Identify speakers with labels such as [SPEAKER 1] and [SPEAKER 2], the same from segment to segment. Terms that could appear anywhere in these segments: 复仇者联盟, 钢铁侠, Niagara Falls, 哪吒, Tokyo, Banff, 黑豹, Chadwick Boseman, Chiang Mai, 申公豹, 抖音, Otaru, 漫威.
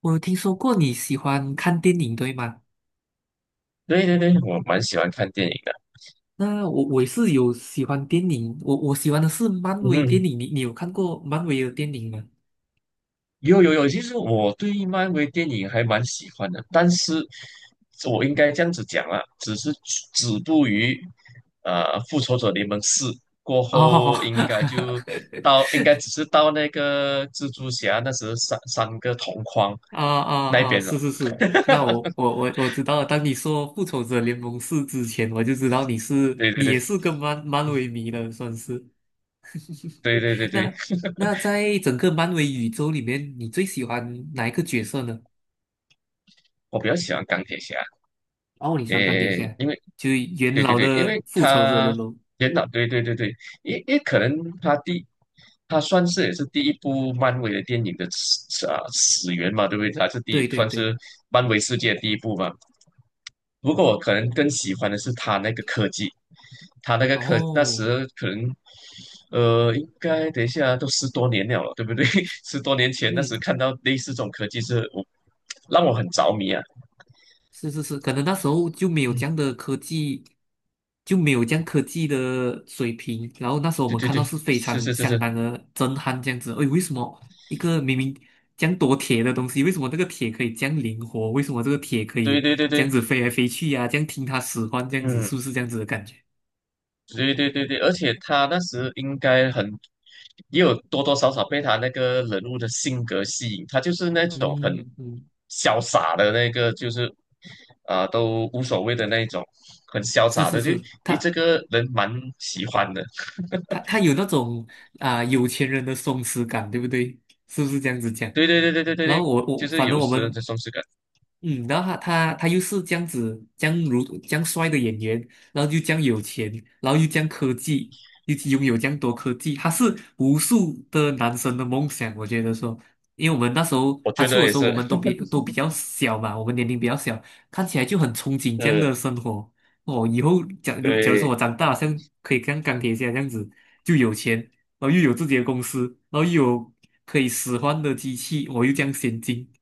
[SPEAKER 1] 我有听说过你喜欢看电影，对吗？
[SPEAKER 2] 对对对，我蛮喜欢看电影的。
[SPEAKER 1] 那我也是有喜欢电影，我喜欢的是漫威电
[SPEAKER 2] 嗯，
[SPEAKER 1] 影，你有看过漫威的电影吗？
[SPEAKER 2] 有有有，其实我对漫威电影还蛮喜欢的，但是我应该这样子讲啊，只是止步于《复仇者联盟四》过
[SPEAKER 1] 哦，
[SPEAKER 2] 后，应该只是到那个蜘蛛侠那时三个同框
[SPEAKER 1] 啊啊
[SPEAKER 2] 那
[SPEAKER 1] 啊！
[SPEAKER 2] 边了。
[SPEAKER 1] 是是是，那我知道了。当你说《复仇者联盟四》之前，我就知道你是
[SPEAKER 2] 对对
[SPEAKER 1] 你
[SPEAKER 2] 对
[SPEAKER 1] 也是个漫威迷了，算是。
[SPEAKER 2] 对对对对，
[SPEAKER 1] 那那在整个漫威宇宙里面，你最喜欢哪一个角色呢？
[SPEAKER 2] 我比较喜欢钢铁侠，
[SPEAKER 1] 哦，你喜欢钢铁
[SPEAKER 2] 诶，
[SPEAKER 1] 侠，
[SPEAKER 2] 因为
[SPEAKER 1] 就是元
[SPEAKER 2] 对对
[SPEAKER 1] 老
[SPEAKER 2] 对，因
[SPEAKER 1] 的
[SPEAKER 2] 为
[SPEAKER 1] 《复仇者联
[SPEAKER 2] 他
[SPEAKER 1] 盟》。
[SPEAKER 2] 电脑，对对对对，因为可能他第，他算是也是第一部漫威的电影的始源嘛，对不对？他是第一，
[SPEAKER 1] 对对
[SPEAKER 2] 算
[SPEAKER 1] 对，
[SPEAKER 2] 是漫威世界第一部嘛。不过我可能更喜欢的是他那个科技，他那个科那
[SPEAKER 1] 哦，
[SPEAKER 2] 时可能，应该等一下都十多年了，对不对？十多年前那
[SPEAKER 1] 嗯，
[SPEAKER 2] 时看到类似这种科技让我很着迷啊。
[SPEAKER 1] 是是是，可能那时候就没有这样的科技，就没有这样科技的水平。然后那时候我
[SPEAKER 2] 对
[SPEAKER 1] 们
[SPEAKER 2] 对
[SPEAKER 1] 看
[SPEAKER 2] 对，
[SPEAKER 1] 到是非
[SPEAKER 2] 是
[SPEAKER 1] 常
[SPEAKER 2] 是是
[SPEAKER 1] 相
[SPEAKER 2] 是，
[SPEAKER 1] 当的震撼，这样子。哎，为什么一个明明这样多铁的东西，为什么这个铁可以这样灵活？为什么这个铁可
[SPEAKER 2] 对
[SPEAKER 1] 以
[SPEAKER 2] 对对
[SPEAKER 1] 这样
[SPEAKER 2] 对，
[SPEAKER 1] 子飞来飞去呀、这样听他使唤，这样子
[SPEAKER 2] 嗯。
[SPEAKER 1] 是不是这样子的感觉？
[SPEAKER 2] 对对对对，而且他那时应该很，也有多多少少被他那个人物的性格吸引，他就是那种很
[SPEAKER 1] 嗯嗯，
[SPEAKER 2] 潇洒的那个，就是啊、都无所谓的那一种，很潇
[SPEAKER 1] 是
[SPEAKER 2] 洒
[SPEAKER 1] 是
[SPEAKER 2] 的，就
[SPEAKER 1] 是，
[SPEAKER 2] 诶这
[SPEAKER 1] 他。
[SPEAKER 2] 个人蛮喜欢的。
[SPEAKER 1] 他有那种啊、有钱人的松弛感，对不对？是不是这样子讲？
[SPEAKER 2] 对对对对对对
[SPEAKER 1] 然后
[SPEAKER 2] 对，
[SPEAKER 1] 我
[SPEAKER 2] 就
[SPEAKER 1] 我
[SPEAKER 2] 是
[SPEAKER 1] 反正
[SPEAKER 2] 有
[SPEAKER 1] 我
[SPEAKER 2] 时候
[SPEAKER 1] 们
[SPEAKER 2] 这松弛感，
[SPEAKER 1] 嗯，然后他又是这样子，这样如这样帅的演员，然后又这样有钱，然后又这样科技，又拥有这样多科技，他是无数的男生的梦想。我觉得说，因为我们那时候
[SPEAKER 2] 我
[SPEAKER 1] 他
[SPEAKER 2] 觉
[SPEAKER 1] 出
[SPEAKER 2] 得
[SPEAKER 1] 的
[SPEAKER 2] 也
[SPEAKER 1] 时候，我
[SPEAKER 2] 是，
[SPEAKER 1] 们都比较小嘛，我们年龄比较小，看起来就很憧憬这样
[SPEAKER 2] 嗯，
[SPEAKER 1] 的生活。哦，以后假如说
[SPEAKER 2] 对
[SPEAKER 1] 我长大，好像可以像钢铁侠这样子，就有钱，然后又有自己的公司，然后又有可以使唤的机器，我又这样先进。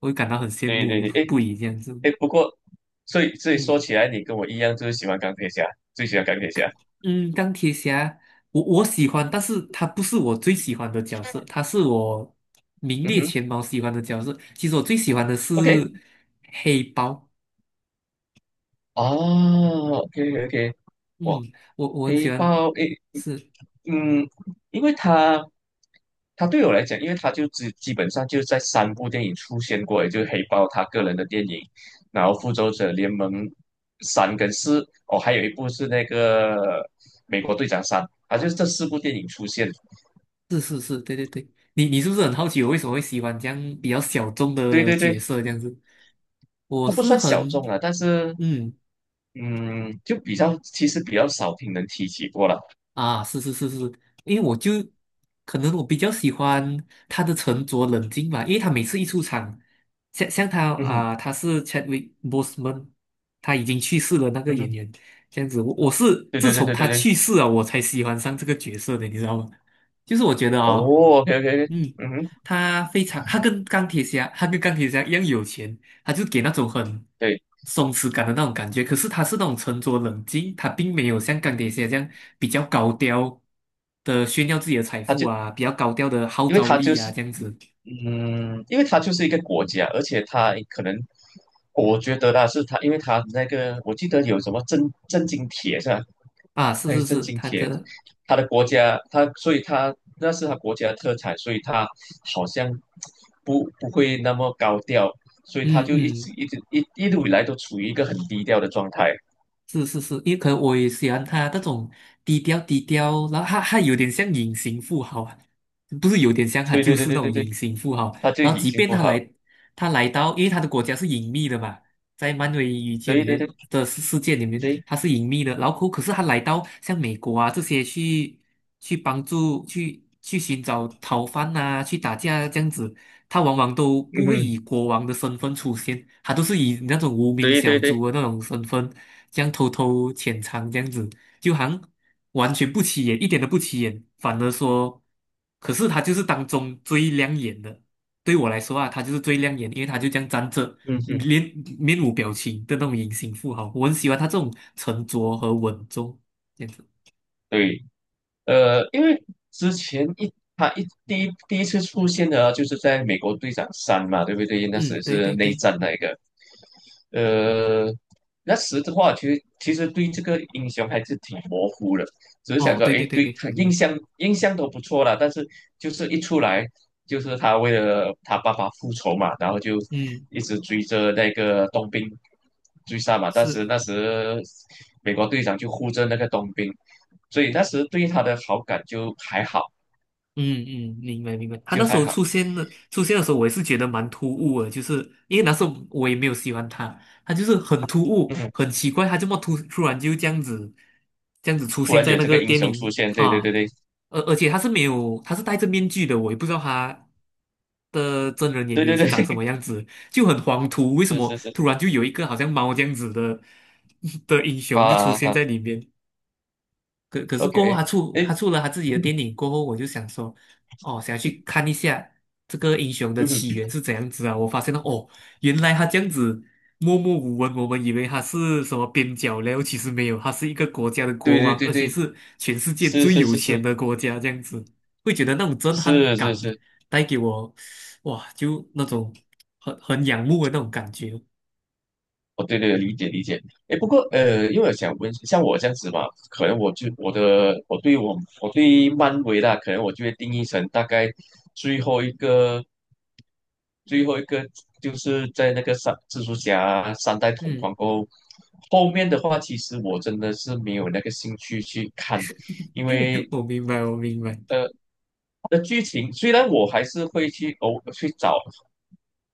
[SPEAKER 1] 我会感到很羡
[SPEAKER 2] 对对
[SPEAKER 1] 慕
[SPEAKER 2] 对，诶
[SPEAKER 1] 不已这样子。
[SPEAKER 2] 诶，不过所以
[SPEAKER 1] 嗯
[SPEAKER 2] 说起来，你跟我一样，就是喜欢钢铁侠，最喜欢钢铁侠。
[SPEAKER 1] 嗯，钢铁侠，我喜欢，但是他不是我最喜欢的角色，他是我名
[SPEAKER 2] 嗯
[SPEAKER 1] 列
[SPEAKER 2] 哼
[SPEAKER 1] 前茅喜欢的角色。其实我最喜欢的是
[SPEAKER 2] ，OK。
[SPEAKER 1] 黑豹。
[SPEAKER 2] 哦，OK OK，哇，
[SPEAKER 1] 嗯，我很
[SPEAKER 2] 黑
[SPEAKER 1] 喜欢，
[SPEAKER 2] 豹诶，
[SPEAKER 1] 是
[SPEAKER 2] 嗯，因为他对我来讲，因为他就基本上就在三部电影出现过，也就是黑豹他个人的电影，然后复仇者联盟三跟四，哦，还有一部是那个美国队长三，啊，就是这四部电影出现。
[SPEAKER 1] 是是是，对对对。你是不是很好奇我为什么会喜欢这样比较小众
[SPEAKER 2] 对
[SPEAKER 1] 的
[SPEAKER 2] 对对，
[SPEAKER 1] 角色这样子？我
[SPEAKER 2] 它不
[SPEAKER 1] 是
[SPEAKER 2] 算小
[SPEAKER 1] 很
[SPEAKER 2] 众啊，但是
[SPEAKER 1] 嗯。
[SPEAKER 2] 嗯，就比较其实比较少听人提起过了。
[SPEAKER 1] 啊，是是是是，因为我就可能我比较喜欢他的沉着冷静吧，因为他每次一出场，像他
[SPEAKER 2] 嗯哼，
[SPEAKER 1] 啊、他是 Chadwick Boseman，他已经去世了那个
[SPEAKER 2] 嗯
[SPEAKER 1] 演
[SPEAKER 2] 哼，
[SPEAKER 1] 员，这样子，我是
[SPEAKER 2] 对
[SPEAKER 1] 自
[SPEAKER 2] 对对
[SPEAKER 1] 从
[SPEAKER 2] 对
[SPEAKER 1] 他
[SPEAKER 2] 对
[SPEAKER 1] 去
[SPEAKER 2] 对。
[SPEAKER 1] 世了，我才喜欢上这个角色的，你知道吗？就是我觉得
[SPEAKER 2] 哦
[SPEAKER 1] 啊。
[SPEAKER 2] ，OK OK，
[SPEAKER 1] 嗯，
[SPEAKER 2] 嗯哼，
[SPEAKER 1] 他非常，他跟钢铁侠，他跟钢铁侠一样有钱，他就给那种很
[SPEAKER 2] 对，
[SPEAKER 1] 松弛感的那种感觉。可是他是那种沉着冷静，他并没有像钢铁侠这样比较高调的炫耀自己的财
[SPEAKER 2] 他
[SPEAKER 1] 富
[SPEAKER 2] 就
[SPEAKER 1] 啊，比较高调的号
[SPEAKER 2] 因为
[SPEAKER 1] 召
[SPEAKER 2] 他就
[SPEAKER 1] 力
[SPEAKER 2] 是
[SPEAKER 1] 啊，这样子
[SPEAKER 2] 嗯，因为他就是一个国家，而且他可能我觉得啦，是他，因为他那个我记得有什么震惊铁是吧？
[SPEAKER 1] 啊，是
[SPEAKER 2] 那个
[SPEAKER 1] 是
[SPEAKER 2] 震
[SPEAKER 1] 是，
[SPEAKER 2] 惊
[SPEAKER 1] 他
[SPEAKER 2] 铁，
[SPEAKER 1] 的，
[SPEAKER 2] 他的国家，所以他那是他国家的特产，所以他好像不会那么高调，所以他
[SPEAKER 1] 嗯
[SPEAKER 2] 就一直
[SPEAKER 1] 嗯。
[SPEAKER 2] 一直一一路以来都处于一个很低调的状态。
[SPEAKER 1] 是是是，因为可能我也喜欢他那种低调，然后他有点像隐形富豪啊，不是有点像，他
[SPEAKER 2] 对
[SPEAKER 1] 就
[SPEAKER 2] 对对
[SPEAKER 1] 是那
[SPEAKER 2] 对对
[SPEAKER 1] 种隐
[SPEAKER 2] 对，
[SPEAKER 1] 形富豪。
[SPEAKER 2] 他就
[SPEAKER 1] 然后
[SPEAKER 2] 隐
[SPEAKER 1] 即
[SPEAKER 2] 形
[SPEAKER 1] 便
[SPEAKER 2] 富
[SPEAKER 1] 他
[SPEAKER 2] 豪，
[SPEAKER 1] 来，他来到，因为他的国家是隐秘的嘛，在漫威宇宙里
[SPEAKER 2] 对对对
[SPEAKER 1] 面的世界里面，
[SPEAKER 2] 对，
[SPEAKER 1] 他是隐秘的。然后可是他来到像美国啊这些去去帮助去寻找逃犯啊，去打架这样子，他往往都不
[SPEAKER 2] 嗯
[SPEAKER 1] 会以
[SPEAKER 2] 哼
[SPEAKER 1] 国王的身份出现，他都是以那种无名
[SPEAKER 2] 对
[SPEAKER 1] 小
[SPEAKER 2] 对对，
[SPEAKER 1] 卒的那种身份，这样偷偷潜藏这样子，就好像完全不起眼，一点都不起眼，反而说，可是他就是当中最亮眼的。对我来说啊，他就是最亮眼，因为他就这样站着，
[SPEAKER 2] 嗯哼，
[SPEAKER 1] 面面无表情的那种隐形富豪，我很喜欢他这种沉着和稳重这样子。
[SPEAKER 2] 对，因为之前他第一次出现的啊就是在美国队长三嘛，对不对？那
[SPEAKER 1] 嗯，
[SPEAKER 2] 时
[SPEAKER 1] 对
[SPEAKER 2] 是
[SPEAKER 1] 对
[SPEAKER 2] 内
[SPEAKER 1] 对，
[SPEAKER 2] 战那一个，呃，那时的话，其实对这个英雄还是挺模糊的，只是想
[SPEAKER 1] 哦，
[SPEAKER 2] 说，
[SPEAKER 1] 对
[SPEAKER 2] 诶，
[SPEAKER 1] 对对
[SPEAKER 2] 对
[SPEAKER 1] 对，
[SPEAKER 2] 他
[SPEAKER 1] 明
[SPEAKER 2] 印
[SPEAKER 1] 白，
[SPEAKER 2] 象印象都不错啦，但是就是一出来，就是他为了他爸爸复仇嘛，然后就
[SPEAKER 1] 嗯，
[SPEAKER 2] 一直追着那个冬兵追杀嘛。但是
[SPEAKER 1] 是。
[SPEAKER 2] 那时美国队长就护着那个冬兵，所以那时对他的好感就还好，
[SPEAKER 1] 嗯嗯，明白明白。他
[SPEAKER 2] 就
[SPEAKER 1] 那时
[SPEAKER 2] 还
[SPEAKER 1] 候
[SPEAKER 2] 好。
[SPEAKER 1] 出现的时候，我也是觉得蛮突兀的，就是因为那时候我也没有喜欢他，他就是很突兀，
[SPEAKER 2] 嗯，
[SPEAKER 1] 很奇怪，他这么突然就这样子，这样子出
[SPEAKER 2] 突
[SPEAKER 1] 现
[SPEAKER 2] 然
[SPEAKER 1] 在
[SPEAKER 2] 有
[SPEAKER 1] 那
[SPEAKER 2] 这个
[SPEAKER 1] 个
[SPEAKER 2] 英
[SPEAKER 1] 电
[SPEAKER 2] 雄
[SPEAKER 1] 影
[SPEAKER 2] 出
[SPEAKER 1] 里
[SPEAKER 2] 现，对对
[SPEAKER 1] 啊，
[SPEAKER 2] 对对
[SPEAKER 1] 而且他是没有，他是戴着面具的，我也不知道他的真人演
[SPEAKER 2] 对
[SPEAKER 1] 员
[SPEAKER 2] 对
[SPEAKER 1] 是
[SPEAKER 2] 对，
[SPEAKER 1] 长什 么样子，就很黄图，为什
[SPEAKER 2] 是
[SPEAKER 1] 么
[SPEAKER 2] 是是
[SPEAKER 1] 突然就有一个好像猫这样子的 的英雄就出
[SPEAKER 2] 啊
[SPEAKER 1] 现
[SPEAKER 2] 啊
[SPEAKER 1] 在里面？可是过后
[SPEAKER 2] ，OK，
[SPEAKER 1] 他
[SPEAKER 2] 诶。
[SPEAKER 1] 出了他自己的电影过后，我就想说，哦，想要去看一下这个英雄的
[SPEAKER 2] 嗯哼，
[SPEAKER 1] 起源是怎样子啊？我发现了哦，原来他这样子默默无闻，我们以为他是什么边角料，其实没有，他是一个国家的
[SPEAKER 2] 对
[SPEAKER 1] 国
[SPEAKER 2] 对
[SPEAKER 1] 王，
[SPEAKER 2] 对
[SPEAKER 1] 而且
[SPEAKER 2] 对，
[SPEAKER 1] 是全世界
[SPEAKER 2] 是
[SPEAKER 1] 最
[SPEAKER 2] 是
[SPEAKER 1] 有
[SPEAKER 2] 是
[SPEAKER 1] 钱
[SPEAKER 2] 是
[SPEAKER 1] 的国家，这样子会觉得那种震撼
[SPEAKER 2] 是是
[SPEAKER 1] 感
[SPEAKER 2] 是，
[SPEAKER 1] 带给我，哇，就那种很仰慕的那种感觉。
[SPEAKER 2] 哦对对理解理解。哎，不过因为我想问，像我这样子嘛，可能我就我的我对我我对漫威啦，可能我就会定义成大概最后一个最后一个就是在那个三蜘蛛侠三代同
[SPEAKER 1] 嗯，
[SPEAKER 2] 框过后，后面的话其实我真的是没有那个兴趣去看，因为
[SPEAKER 1] 我明白，我明白。
[SPEAKER 2] 呃。的剧情虽然我还是会去偶去找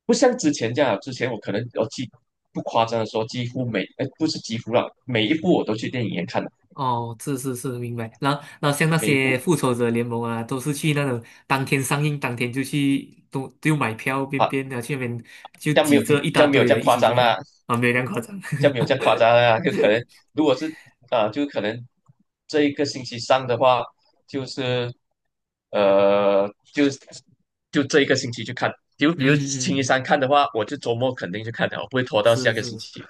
[SPEAKER 2] 不像之前这样啊，之前我可能不夸张的说，几乎每哎不是几乎啦，每一部我都去电影院看的，
[SPEAKER 1] 哦，是是是，明白。然后，然后像那
[SPEAKER 2] 每一
[SPEAKER 1] 些
[SPEAKER 2] 部
[SPEAKER 1] 复仇者联盟啊，都是去那种当天上映，当天就去，都就买票，边
[SPEAKER 2] 啊，
[SPEAKER 1] 边的去那边就
[SPEAKER 2] 这样没
[SPEAKER 1] 挤
[SPEAKER 2] 有
[SPEAKER 1] 着一
[SPEAKER 2] 这
[SPEAKER 1] 大
[SPEAKER 2] 样没有
[SPEAKER 1] 堆
[SPEAKER 2] 这样
[SPEAKER 1] 人一
[SPEAKER 2] 夸
[SPEAKER 1] 起去
[SPEAKER 2] 张
[SPEAKER 1] 看
[SPEAKER 2] 啦，
[SPEAKER 1] 啊，没有那样夸张。
[SPEAKER 2] 这样没有这样夸张啦，就可能如果是啊，就可能这一个星期上的话，就是呃，就是这一个星期去看，就 比如
[SPEAKER 1] 嗯
[SPEAKER 2] 星期
[SPEAKER 1] 嗯，
[SPEAKER 2] 三看的话，我就周末肯定去看的，我不会拖到
[SPEAKER 1] 是
[SPEAKER 2] 下个星
[SPEAKER 1] 是。
[SPEAKER 2] 期。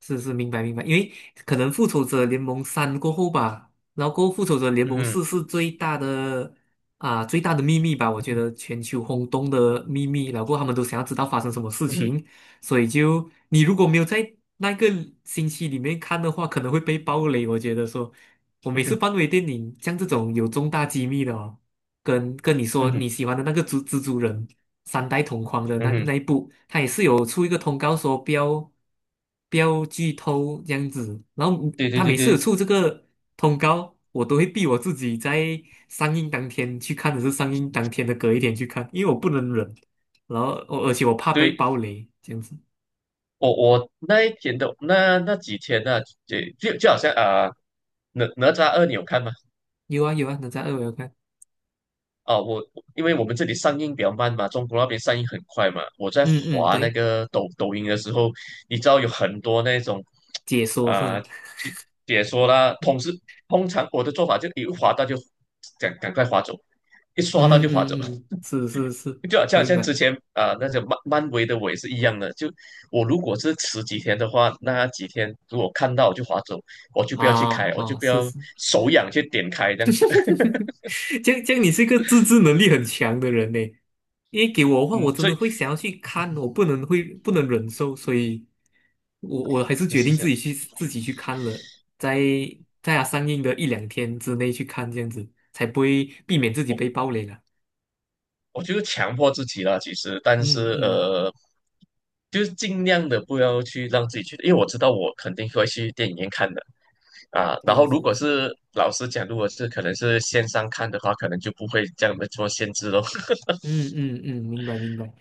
[SPEAKER 1] 是是，明白明白，因为可能复仇者联盟三过后吧，然后过后复仇者联
[SPEAKER 2] 嗯
[SPEAKER 1] 盟
[SPEAKER 2] 哼
[SPEAKER 1] 四是最大的啊最大的秘密吧，我觉
[SPEAKER 2] 嗯
[SPEAKER 1] 得全球轰动的秘密，然后过后他们都想要知道发生什么事
[SPEAKER 2] 嗯
[SPEAKER 1] 情，所以就你如果没有在那个星期里面看的话，可能会被爆雷。我觉得说，我每次
[SPEAKER 2] 嗯
[SPEAKER 1] 漫威电影像这种有重大机密的哦，跟你说
[SPEAKER 2] 嗯
[SPEAKER 1] 你喜欢的那个蜘蛛人。三代同框的
[SPEAKER 2] 嗯
[SPEAKER 1] 那个
[SPEAKER 2] 嗯，
[SPEAKER 1] 那一部，他也是有出一个通告说不要剧透这样子。然后
[SPEAKER 2] 对对
[SPEAKER 1] 他
[SPEAKER 2] 对
[SPEAKER 1] 每次有
[SPEAKER 2] 对
[SPEAKER 1] 出这个通告，我都会逼我自己在上映当天去看，还是上映当天的隔一天去看，因为我不能忍。然后而且我怕被
[SPEAKER 2] 对。
[SPEAKER 1] 暴雷这样子。
[SPEAKER 2] 我那一天的那几天呢、就好像啊、哪吒二你有看吗？
[SPEAKER 1] 有啊有啊，哪吒二我有看。
[SPEAKER 2] 啊，因为我们这里上映比较慢嘛，中国那边上映很快嘛。我在
[SPEAKER 1] 嗯嗯，
[SPEAKER 2] 滑那
[SPEAKER 1] 对，
[SPEAKER 2] 个抖音的时候，你知道有很多那种
[SPEAKER 1] 解说是
[SPEAKER 2] 啊、
[SPEAKER 1] 吧？
[SPEAKER 2] 就解说啦，通常我的做法就一滑到就赶快滑走，一刷到
[SPEAKER 1] 嗯
[SPEAKER 2] 就滑走。
[SPEAKER 1] 嗯嗯，是是是，
[SPEAKER 2] 就好
[SPEAKER 1] 我
[SPEAKER 2] 像
[SPEAKER 1] 明
[SPEAKER 2] 像
[SPEAKER 1] 白。
[SPEAKER 2] 之前啊、那个漫威的我也是一样的。就我如果是迟几天的话，那几天如果看到我就划走，我就不要去开，
[SPEAKER 1] 啊
[SPEAKER 2] 我就
[SPEAKER 1] 啊，
[SPEAKER 2] 不
[SPEAKER 1] 是
[SPEAKER 2] 要
[SPEAKER 1] 是。
[SPEAKER 2] 手痒去点开这样子。
[SPEAKER 1] 这样你是一个自制能力很强的人呢。因为给我的话，我
[SPEAKER 2] 嗯，
[SPEAKER 1] 真
[SPEAKER 2] 所
[SPEAKER 1] 的
[SPEAKER 2] 以
[SPEAKER 1] 会想要去看，我不能忍受，所以我还是决
[SPEAKER 2] 是
[SPEAKER 1] 定
[SPEAKER 2] 是，
[SPEAKER 1] 自己去看了，在在它上映的一两天之内去看，这样子才不会避免自己
[SPEAKER 2] 我
[SPEAKER 1] 被暴雷了。
[SPEAKER 2] 我就是强迫自己啦，其实，但
[SPEAKER 1] 嗯
[SPEAKER 2] 是
[SPEAKER 1] 嗯，
[SPEAKER 2] 就是尽量的不要去让自己去，因为我知道我肯定会去电影院看的啊。然
[SPEAKER 1] 是
[SPEAKER 2] 后
[SPEAKER 1] 是
[SPEAKER 2] 如果
[SPEAKER 1] 是，
[SPEAKER 2] 是老实讲，如果是可能是线上看的话，可能就不会这样的做限制咯。
[SPEAKER 1] 嗯嗯嗯，明白明白。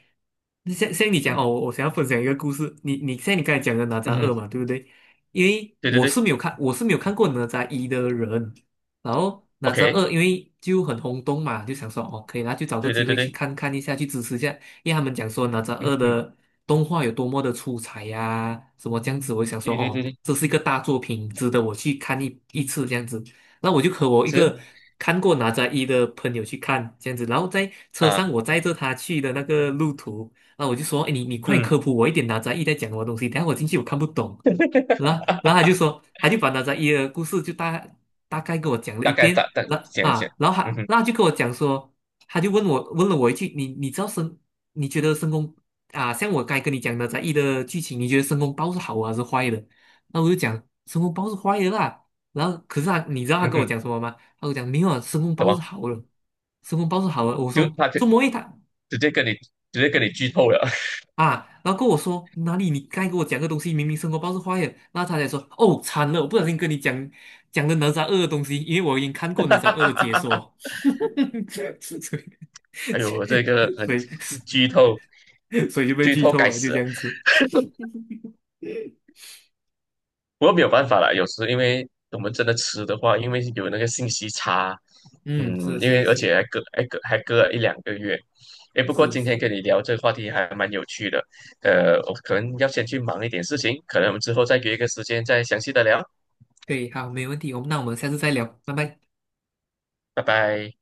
[SPEAKER 1] 那像你讲
[SPEAKER 2] 嗯
[SPEAKER 1] 哦，我想要分享一个故事。你像你刚才讲的哪吒
[SPEAKER 2] 嗯，
[SPEAKER 1] 二嘛，对不对？因为
[SPEAKER 2] 对对
[SPEAKER 1] 我是
[SPEAKER 2] 对
[SPEAKER 1] 没有看，我是没有看过哪吒一的人。然后哪吒
[SPEAKER 2] ，OK。
[SPEAKER 1] 二因为就很轰动嘛，就想说哦，可以啦，就找个
[SPEAKER 2] 对对
[SPEAKER 1] 机
[SPEAKER 2] 对
[SPEAKER 1] 会去
[SPEAKER 2] 对，
[SPEAKER 1] 看看一下，去支持一下。因为他们讲说哪吒二
[SPEAKER 2] 嗯，嗯，
[SPEAKER 1] 的动画有多么的出彩呀、什么这样子，我就想说
[SPEAKER 2] 对对对
[SPEAKER 1] 哦，
[SPEAKER 2] 对，
[SPEAKER 1] 这是一个大作品，值得我去看一次这样子。那我就和我一
[SPEAKER 2] 是
[SPEAKER 1] 个看过哪吒一的朋友去看这样子，然后在车
[SPEAKER 2] 啊，
[SPEAKER 1] 上我载着他去的那个路途。啊，我就说，哎，你快点
[SPEAKER 2] 嗯，
[SPEAKER 1] 科普我一点哪吒一在讲什么东西，等下我进去我看不懂。然 后然后他就说，他就把哪吒一的故事就大概给我讲了一
[SPEAKER 2] 大概
[SPEAKER 1] 遍，
[SPEAKER 2] 想一想，
[SPEAKER 1] 然后
[SPEAKER 2] 嗯
[SPEAKER 1] 他
[SPEAKER 2] 哼
[SPEAKER 1] 那就跟我讲说，他就问我问了我一句，你知道申，你觉得申公啊，像我该跟你讲哪吒一的剧情，你觉得申公豹是好啊还是坏的？那我就讲申公豹是坏的啦。然后可是他，你知道他
[SPEAKER 2] 嗯
[SPEAKER 1] 跟我
[SPEAKER 2] 哼，
[SPEAKER 1] 讲什么吗？他跟我讲没有啊，申公
[SPEAKER 2] 怎
[SPEAKER 1] 豹
[SPEAKER 2] 么
[SPEAKER 1] 是好的，申公豹是好的。我
[SPEAKER 2] 就
[SPEAKER 1] 说这么？一他
[SPEAKER 2] 直接跟你直接跟你剧透了，
[SPEAKER 1] 啊，然后跟我说哪里你该给我讲个东西，明明生活报是坏的，然后他才说哦惨了，我不小心跟你讲了哪吒二的东西，因为我已经看过哪吒二的解 说，所以
[SPEAKER 2] 哎呦，我这个
[SPEAKER 1] 所
[SPEAKER 2] 很
[SPEAKER 1] 以
[SPEAKER 2] 剧透，
[SPEAKER 1] 所以就被
[SPEAKER 2] 剧
[SPEAKER 1] 剧
[SPEAKER 2] 透
[SPEAKER 1] 透
[SPEAKER 2] 该
[SPEAKER 1] 了，就
[SPEAKER 2] 死
[SPEAKER 1] 这
[SPEAKER 2] 啊。
[SPEAKER 1] 样子。
[SPEAKER 2] 不过没有办法啦，有时因为我们真的吃的话，因为有那个信息差，
[SPEAKER 1] 嗯，
[SPEAKER 2] 嗯，
[SPEAKER 1] 是
[SPEAKER 2] 因
[SPEAKER 1] 是
[SPEAKER 2] 为而
[SPEAKER 1] 是
[SPEAKER 2] 且还隔了一两个月。诶，不过
[SPEAKER 1] 是
[SPEAKER 2] 今天
[SPEAKER 1] 是，
[SPEAKER 2] 跟你聊这个话题还蛮有趣的，我可能要先去忙一点事情，可能我们之后再约一个时间再详细的聊，
[SPEAKER 1] 对，好，没问题，我们那我们下次再聊，拜拜。
[SPEAKER 2] 拜拜。